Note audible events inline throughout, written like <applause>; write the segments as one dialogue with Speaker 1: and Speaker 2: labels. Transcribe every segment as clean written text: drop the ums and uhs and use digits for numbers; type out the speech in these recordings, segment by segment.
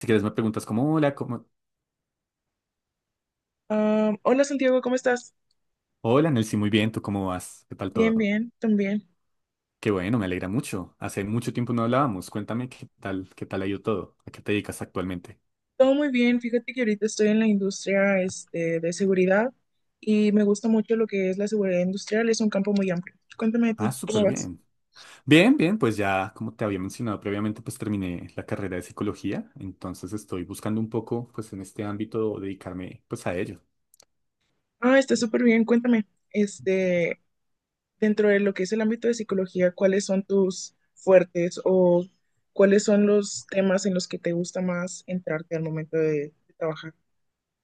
Speaker 1: Si quieres me preguntas como, hola, ¿cómo?
Speaker 2: Hola, Santiago, ¿cómo estás?
Speaker 1: Hola, Nelcy, muy bien, ¿tú cómo vas? ¿Qué tal todo?
Speaker 2: Bien, bien, también.
Speaker 1: Qué bueno, me alegra mucho. Hace mucho tiempo no hablábamos. Cuéntame qué tal ha ido todo. ¿A qué te dedicas actualmente?
Speaker 2: Todo muy bien. Fíjate que ahorita estoy en la industria de seguridad y me gusta mucho lo que es la seguridad industrial. Es un campo muy amplio. Cuéntame de
Speaker 1: Ah,
Speaker 2: ti, ¿cómo
Speaker 1: súper
Speaker 2: vas?
Speaker 1: bien. Bien, bien, pues ya, como te había mencionado previamente, pues terminé la carrera de psicología, entonces estoy buscando un poco, pues en este ámbito, dedicarme, pues a ello.
Speaker 2: Ah, está súper bien. Cuéntame, este, dentro de lo que es el ámbito de psicología, ¿cuáles son tus fuertes o cuáles son los temas en los que te gusta más entrarte al momento de trabajar?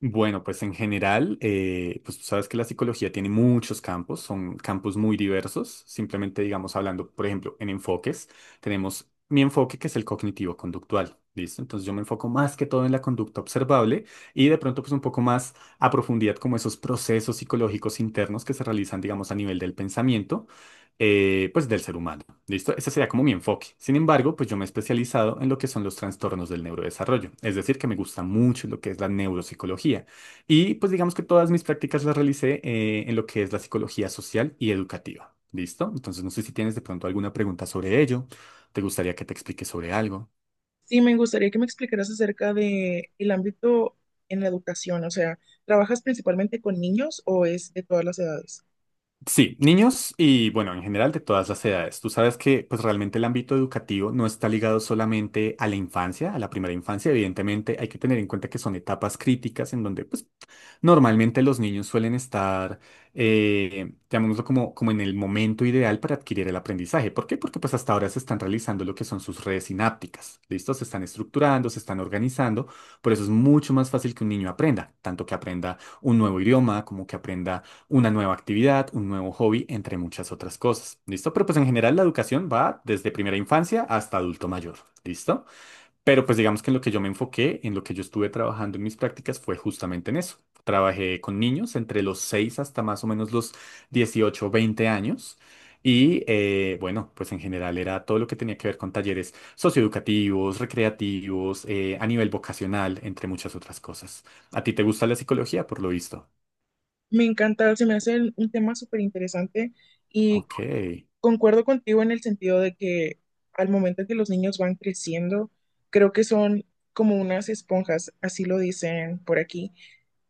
Speaker 1: Bueno, pues en general, pues tú sabes que la psicología tiene muchos campos, son campos muy diversos. Simplemente, digamos, hablando, por ejemplo, en enfoques, tenemos mi enfoque que es el cognitivo-conductual, ¿listo? Entonces yo me enfoco más que todo en la conducta observable y de pronto pues un poco más a profundidad como esos procesos psicológicos internos que se realizan, digamos, a nivel del pensamiento, pues del ser humano. ¿Listo? Ese sería como mi enfoque. Sin embargo, pues yo me he especializado en lo que son los trastornos del neurodesarrollo. Es decir, que me gusta mucho lo que es la neuropsicología. Y pues digamos que todas mis prácticas las realicé en lo que es la psicología social y educativa. ¿Listo? Entonces, no sé si tienes de pronto alguna pregunta sobre ello. ¿Te gustaría que te explique sobre algo?
Speaker 2: Sí, me gustaría que me explicaras acerca de el ámbito en la educación, o sea, ¿trabajas principalmente con niños o es de todas las edades?
Speaker 1: Sí, niños y bueno, en general de todas las edades. Tú sabes que pues realmente el ámbito educativo no está ligado solamente a la infancia, a la primera infancia. Evidentemente hay que tener en cuenta que son etapas críticas en donde pues normalmente los niños suelen estar, llamémoslo como en el momento ideal para adquirir el aprendizaje. ¿Por qué? Porque pues hasta ahora se están realizando lo que son sus redes sinápticas, ¿listo? Se están estructurando, se están organizando, por eso es mucho más fácil que un niño aprenda, tanto que aprenda un nuevo idioma, como que aprenda una nueva actividad, un nuevo hobby, entre muchas otras cosas, ¿listo? Pero pues en general la educación va desde primera infancia hasta adulto mayor, ¿listo? Pero pues digamos que en lo que yo me enfoqué, en lo que yo estuve trabajando en mis prácticas fue justamente en eso. Trabajé con niños entre los 6 hasta más o menos los 18 o 20 años. Y bueno, pues en general era todo lo que tenía que ver con talleres socioeducativos, recreativos, a nivel vocacional, entre muchas otras cosas. ¿A ti te gusta la psicología, por lo visto?
Speaker 2: Me encanta, se me hace un tema súper interesante y
Speaker 1: Ok,
Speaker 2: concuerdo contigo en el sentido de que al momento que los niños van creciendo, creo que son como unas esponjas, así lo dicen por aquí,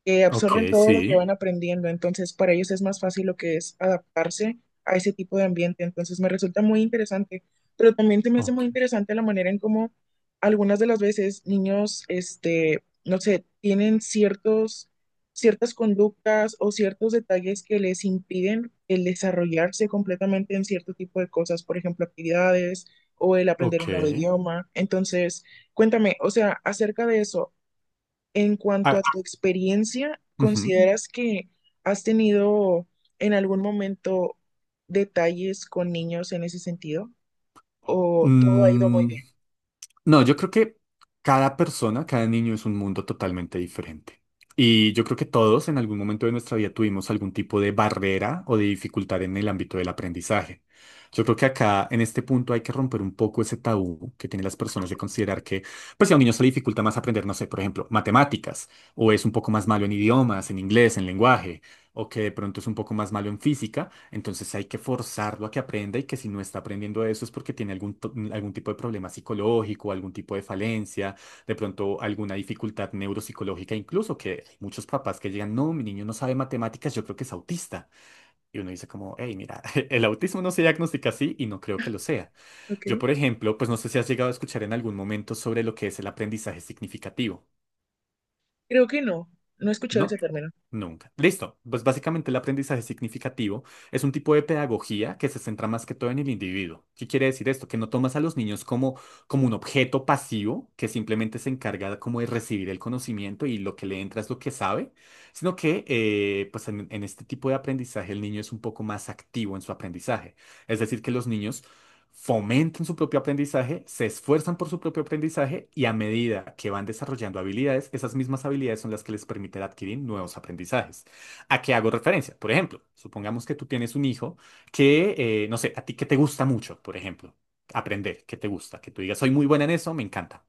Speaker 2: que absorben
Speaker 1: ok,
Speaker 2: todo lo que
Speaker 1: sí.
Speaker 2: van aprendiendo, entonces para ellos es más fácil lo que es adaptarse a ese tipo de ambiente, entonces me resulta muy interesante, pero también se me hace
Speaker 1: Ok,
Speaker 2: muy interesante la manera en cómo algunas de las veces niños, no sé, ciertas conductas o ciertos detalles que les impiden el desarrollarse completamente en cierto tipo de cosas, por ejemplo, actividades o el aprender
Speaker 1: ok.
Speaker 2: un nuevo idioma, entonces... Cuéntame, o sea, acerca de eso, en cuanto a
Speaker 1: Ah,
Speaker 2: tu experiencia,
Speaker 1: ujú.
Speaker 2: ¿consideras que has tenido en algún momento detalles con niños en ese sentido? ¿O todo ha ido muy
Speaker 1: Mm,
Speaker 2: bien?
Speaker 1: no, yo creo que cada persona, cada niño es un mundo totalmente diferente. Y yo creo que todos en algún momento de nuestra vida tuvimos algún tipo de barrera o de dificultad en el ámbito del aprendizaje. Yo creo que acá, en este punto, hay que romper un poco ese tabú que tienen las personas de considerar que, pues si a un niño se le dificulta más aprender, no sé, por ejemplo, matemáticas, o es un poco más malo en idiomas, en inglés, en lenguaje, o que de pronto es un poco más malo en física, entonces hay que forzarlo a que aprenda y que si no está aprendiendo eso es porque tiene algún tipo de problema psicológico, algún tipo de falencia, de pronto alguna dificultad neuropsicológica, incluso que hay muchos papás que llegan, no, mi niño no sabe matemáticas, yo creo que es autista. Y uno dice como, hey, mira, <laughs> el autismo no se diagnostica así y no creo que lo sea.
Speaker 2: Ok.
Speaker 1: Yo, por ejemplo, pues no sé si has llegado a escuchar en algún momento sobre lo que es el aprendizaje significativo.
Speaker 2: Creo que no, no he escuchado
Speaker 1: No,
Speaker 2: ese término.
Speaker 1: nunca. Listo. Pues básicamente el aprendizaje significativo es un tipo de pedagogía que se centra más que todo en el individuo. ¿Qué quiere decir esto? Que no tomas a los niños como, un objeto pasivo que simplemente se encarga como de recibir el conocimiento y lo que le entra es lo que sabe, sino que pues en este tipo de aprendizaje el niño es un poco más activo en su aprendizaje. Es decir, que los niños fomentan su propio aprendizaje, se esfuerzan por su propio aprendizaje y a medida que van desarrollando habilidades, esas mismas habilidades son las que les permiten adquirir nuevos aprendizajes. ¿A qué hago referencia? Por ejemplo, supongamos que tú tienes un hijo que, no sé, a ti que te gusta mucho, por ejemplo, aprender, que te gusta, que tú digas, soy muy buena en eso, me encanta.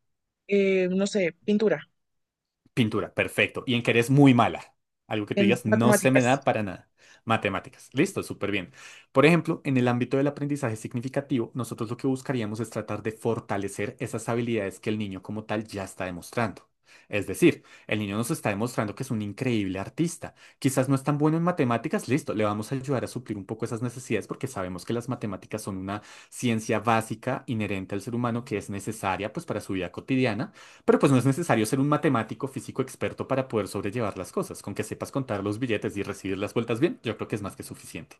Speaker 2: No sé, pintura,
Speaker 1: Pintura, perfecto. Y en que eres muy mala. Algo que tú
Speaker 2: en
Speaker 1: digas, no se me
Speaker 2: matemáticas.
Speaker 1: da para nada. Matemáticas, listo, súper bien. Por ejemplo, en el ámbito del aprendizaje significativo, nosotros lo que buscaríamos es tratar de fortalecer esas habilidades que el niño como tal ya está demostrando. Es decir, el niño nos está demostrando que es un increíble artista. Quizás no es tan bueno en matemáticas, listo, le vamos a ayudar a suplir un poco esas necesidades porque sabemos que las matemáticas son una ciencia básica inherente al ser humano que es necesaria pues para su vida cotidiana pero pues no es necesario ser un matemático físico experto para poder sobrellevar las cosas. Con que sepas contar los billetes y recibir las vueltas bien, yo creo que es más que suficiente.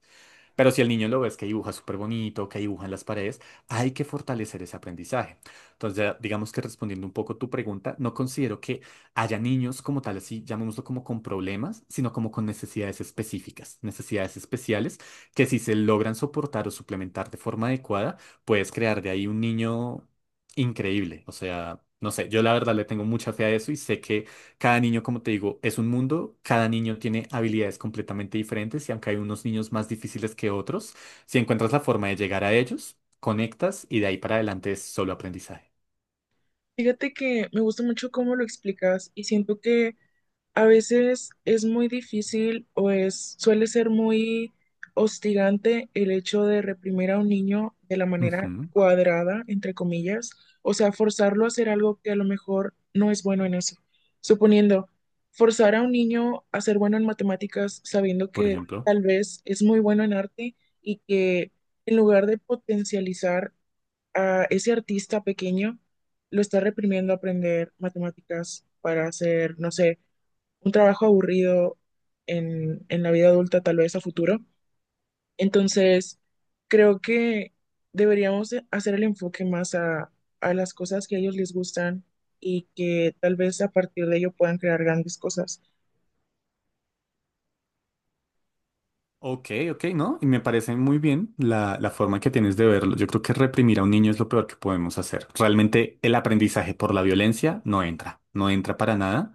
Speaker 1: Pero si el niño lo ves que dibuja súper bonito, que dibuja en las paredes, hay que fortalecer ese aprendizaje. Entonces, ya digamos que respondiendo un poco tu pregunta, no considero que haya niños como tal, así llamémoslo como con problemas, sino como con necesidades específicas, necesidades especiales que si se logran soportar o suplementar de forma adecuada, puedes crear de ahí un niño increíble. O sea, no sé, yo la verdad le tengo mucha fe a eso y sé que cada niño, como te digo, es un mundo, cada niño tiene habilidades completamente diferentes y aunque hay unos niños más difíciles que otros, si encuentras la forma de llegar a ellos, conectas y de ahí para adelante es solo aprendizaje.
Speaker 2: Fíjate que me gusta mucho cómo lo explicas y siento que a veces es muy difícil suele ser muy hostigante el hecho de reprimir a un niño de la manera
Speaker 1: Ujú,
Speaker 2: cuadrada, entre comillas, o sea, forzarlo a hacer algo que a lo mejor no es bueno en eso. Suponiendo, forzar a un niño a ser bueno en matemáticas sabiendo
Speaker 1: por
Speaker 2: que
Speaker 1: ejemplo.
Speaker 2: tal vez es muy bueno en arte y que en lugar de potencializar a ese artista pequeño, lo está reprimiendo a aprender matemáticas para hacer, no sé, un trabajo aburrido en la vida adulta, tal vez a futuro. Entonces, creo que deberíamos de hacer el enfoque más a las cosas que a ellos les gustan y que tal vez a partir de ello puedan crear grandes cosas.
Speaker 1: Ok, ok, ¿no? Y me parece muy bien la, la forma que tienes de verlo. Yo creo que reprimir a un niño es lo peor que podemos hacer. Realmente el aprendizaje por la violencia no entra, no entra para nada.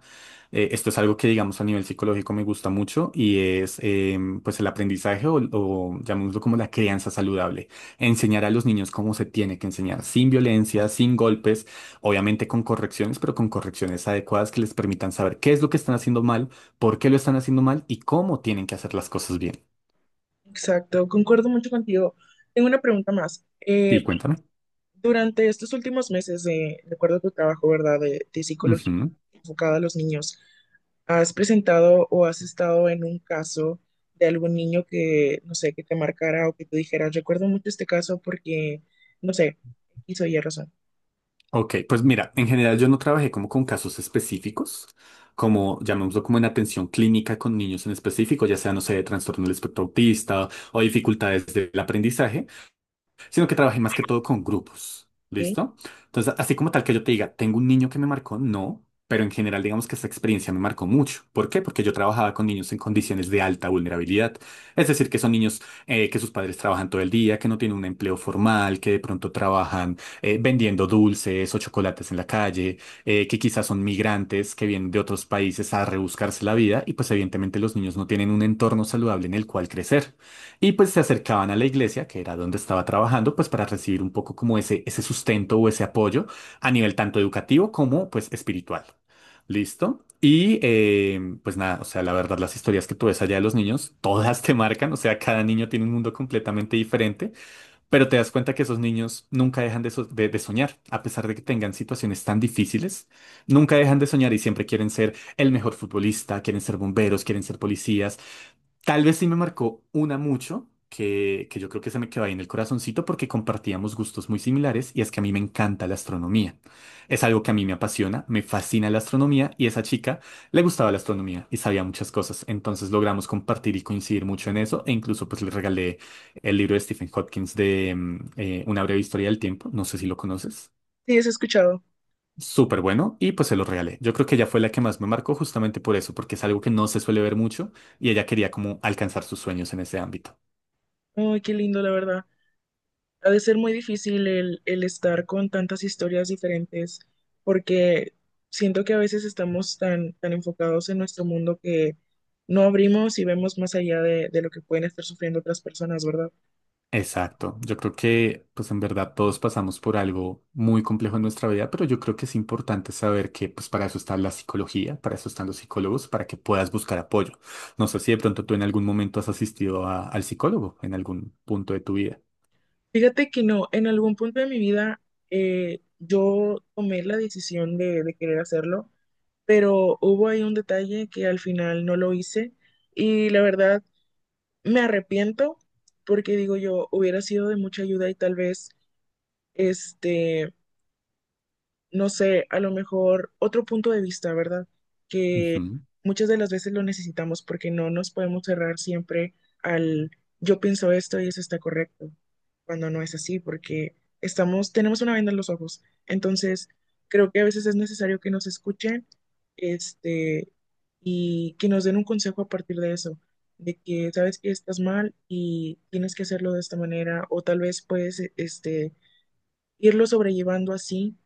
Speaker 1: Esto es algo que, digamos, a nivel psicológico me gusta mucho y es, pues, el aprendizaje o llamémoslo como la crianza saludable. Enseñar a los niños cómo se tiene que enseñar, sin violencia, sin golpes, obviamente con correcciones, pero con correcciones adecuadas que les permitan saber qué es lo que están haciendo mal, por qué lo están haciendo mal y cómo tienen que hacer las cosas bien.
Speaker 2: Exacto, concuerdo mucho contigo. Tengo una pregunta más.
Speaker 1: Sí, cuéntame.
Speaker 2: Durante estos últimos meses, de acuerdo a tu trabajo, ¿verdad?, de psicología
Speaker 1: Ujú.
Speaker 2: enfocada a los niños, ¿has presentado o has estado en un caso de algún niño que, no sé, que te marcara o que te dijera, recuerdo mucho este caso porque, no sé, hizo Y razón,
Speaker 1: Ok, pues mira, en general yo no trabajé como con casos específicos, como llamémoslo como en atención clínica con niños en específico, ya sea, no sé, de trastorno del espectro autista o dificultades del aprendizaje. Sino que trabajé más que todo con grupos.
Speaker 2: ¿ok?
Speaker 1: ¿Listo? Entonces, así como tal que yo te diga, tengo un niño que me marcó, no, pero en general digamos que esta experiencia me marcó mucho. ¿Por qué? Porque yo trabajaba con niños en condiciones de alta vulnerabilidad. Es decir, que son niños que sus padres trabajan todo el día, que no tienen un empleo formal, que de pronto trabajan vendiendo dulces o chocolates en la calle, que quizás son migrantes que vienen de otros países a rebuscarse la vida y pues evidentemente los niños no tienen un entorno saludable en el cual crecer. Y pues se acercaban a la iglesia, que era donde estaba trabajando, pues para recibir un poco como ese sustento o ese apoyo a nivel tanto educativo como pues espiritual. ¿Listo? Y pues nada, o sea, la verdad las historias que tú ves allá de los niños, todas te marcan, o sea, cada niño tiene un mundo completamente diferente, pero te das cuenta que esos niños nunca dejan de soñar, a pesar de que tengan situaciones tan difíciles, nunca dejan de soñar y siempre quieren ser el mejor futbolista, quieren ser bomberos, quieren ser policías. Tal vez sí me marcó una mucho, que yo creo que se me quedó ahí en el corazoncito porque compartíamos gustos muy similares y es que a mí me encanta la astronomía. Es algo que a mí me apasiona, me fascina la astronomía y esa chica le gustaba la astronomía y sabía muchas cosas. Entonces logramos compartir y coincidir mucho en eso e incluso pues le regalé el libro de Stephen Hawking de Una breve historia del tiempo, no sé si lo conoces
Speaker 2: Sí, has escuchado.
Speaker 1: súper bueno y pues se lo regalé. Yo creo que ella fue la que más me marcó justamente por eso, porque es algo que no se suele ver mucho y ella quería como alcanzar sus sueños en ese ámbito.
Speaker 2: Ay, qué lindo, la verdad. Ha de ser muy difícil el estar con tantas historias diferentes, porque siento que a veces estamos tan enfocados en nuestro mundo que no abrimos y vemos más allá de lo que pueden estar sufriendo otras personas, ¿verdad?
Speaker 1: Exacto. Yo creo que pues en verdad todos pasamos por algo muy complejo en nuestra vida, pero yo creo que es importante saber que pues para eso está la psicología, para eso están los psicólogos, para que puedas buscar apoyo. No sé si de pronto tú en algún momento has asistido a- al psicólogo en algún punto de tu vida.
Speaker 2: Fíjate que no, en algún punto de mi vida yo tomé la decisión de querer hacerlo, pero hubo ahí un detalle que al final no lo hice y la verdad me arrepiento porque digo yo, hubiera sido de mucha ayuda y tal vez... Este, no sé, a lo mejor otro punto de vista, ¿verdad?
Speaker 1: Ujú,
Speaker 2: Muchas de las veces lo necesitamos porque no nos podemos cerrar siempre al yo pienso esto y eso está correcto, cuando no es así, porque estamos, tenemos una venda en los ojos. Entonces, creo que a veces es necesario que nos escuchen, este, y que nos den un consejo a partir de eso, de que sabes que estás mal y tienes que hacerlo de esta manera, o tal vez puedes, irlo sobrellevando así.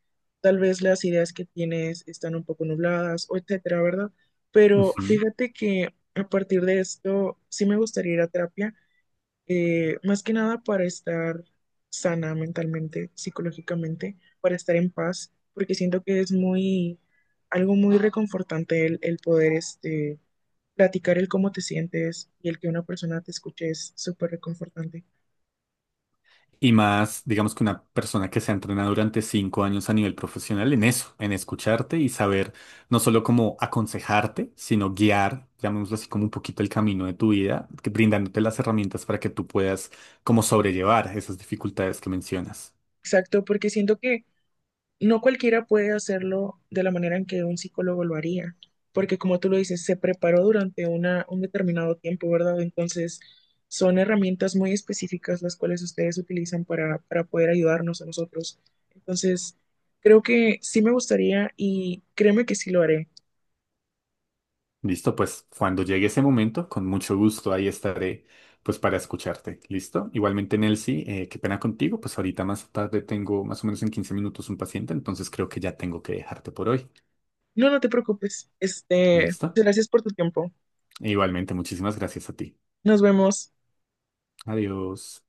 Speaker 2: Tal vez las ideas que tienes están un poco nubladas o etcétera, ¿verdad? Pero
Speaker 1: ujú.
Speaker 2: fíjate que a partir de esto sí me gustaría ir a terapia, más que nada para estar sana mentalmente, psicológicamente, para estar en paz, porque siento que algo muy reconfortante el poder platicar el cómo te sientes y el que una persona te escuche es súper reconfortante.
Speaker 1: Y más, digamos que una persona que se ha entrenado durante 5 años a nivel profesional en eso, en escucharte y saber no solo cómo aconsejarte, sino guiar, llamémoslo así, como un poquito el camino de tu vida, brindándote las herramientas para que tú puedas como sobrellevar esas dificultades que mencionas.
Speaker 2: Exacto, porque siento que no cualquiera puede hacerlo de la manera en que un psicólogo lo haría, porque como tú lo dices, se preparó durante un determinado tiempo, ¿verdad? Entonces, son herramientas muy específicas las cuales ustedes utilizan para poder ayudarnos a nosotros. Entonces, creo que sí me gustaría y créeme que sí lo haré.
Speaker 1: Listo, pues cuando llegue ese momento, con mucho gusto ahí estaré pues para escucharte. Listo. Igualmente, Nelcy, qué pena contigo, pues ahorita más tarde tengo más o menos en 15 minutos un paciente, entonces creo que ya tengo que dejarte por hoy.
Speaker 2: No, no te preocupes. Este,
Speaker 1: ¿Listo?
Speaker 2: gracias por tu tiempo.
Speaker 1: Igualmente, muchísimas gracias a ti.
Speaker 2: Nos vemos.
Speaker 1: Adiós.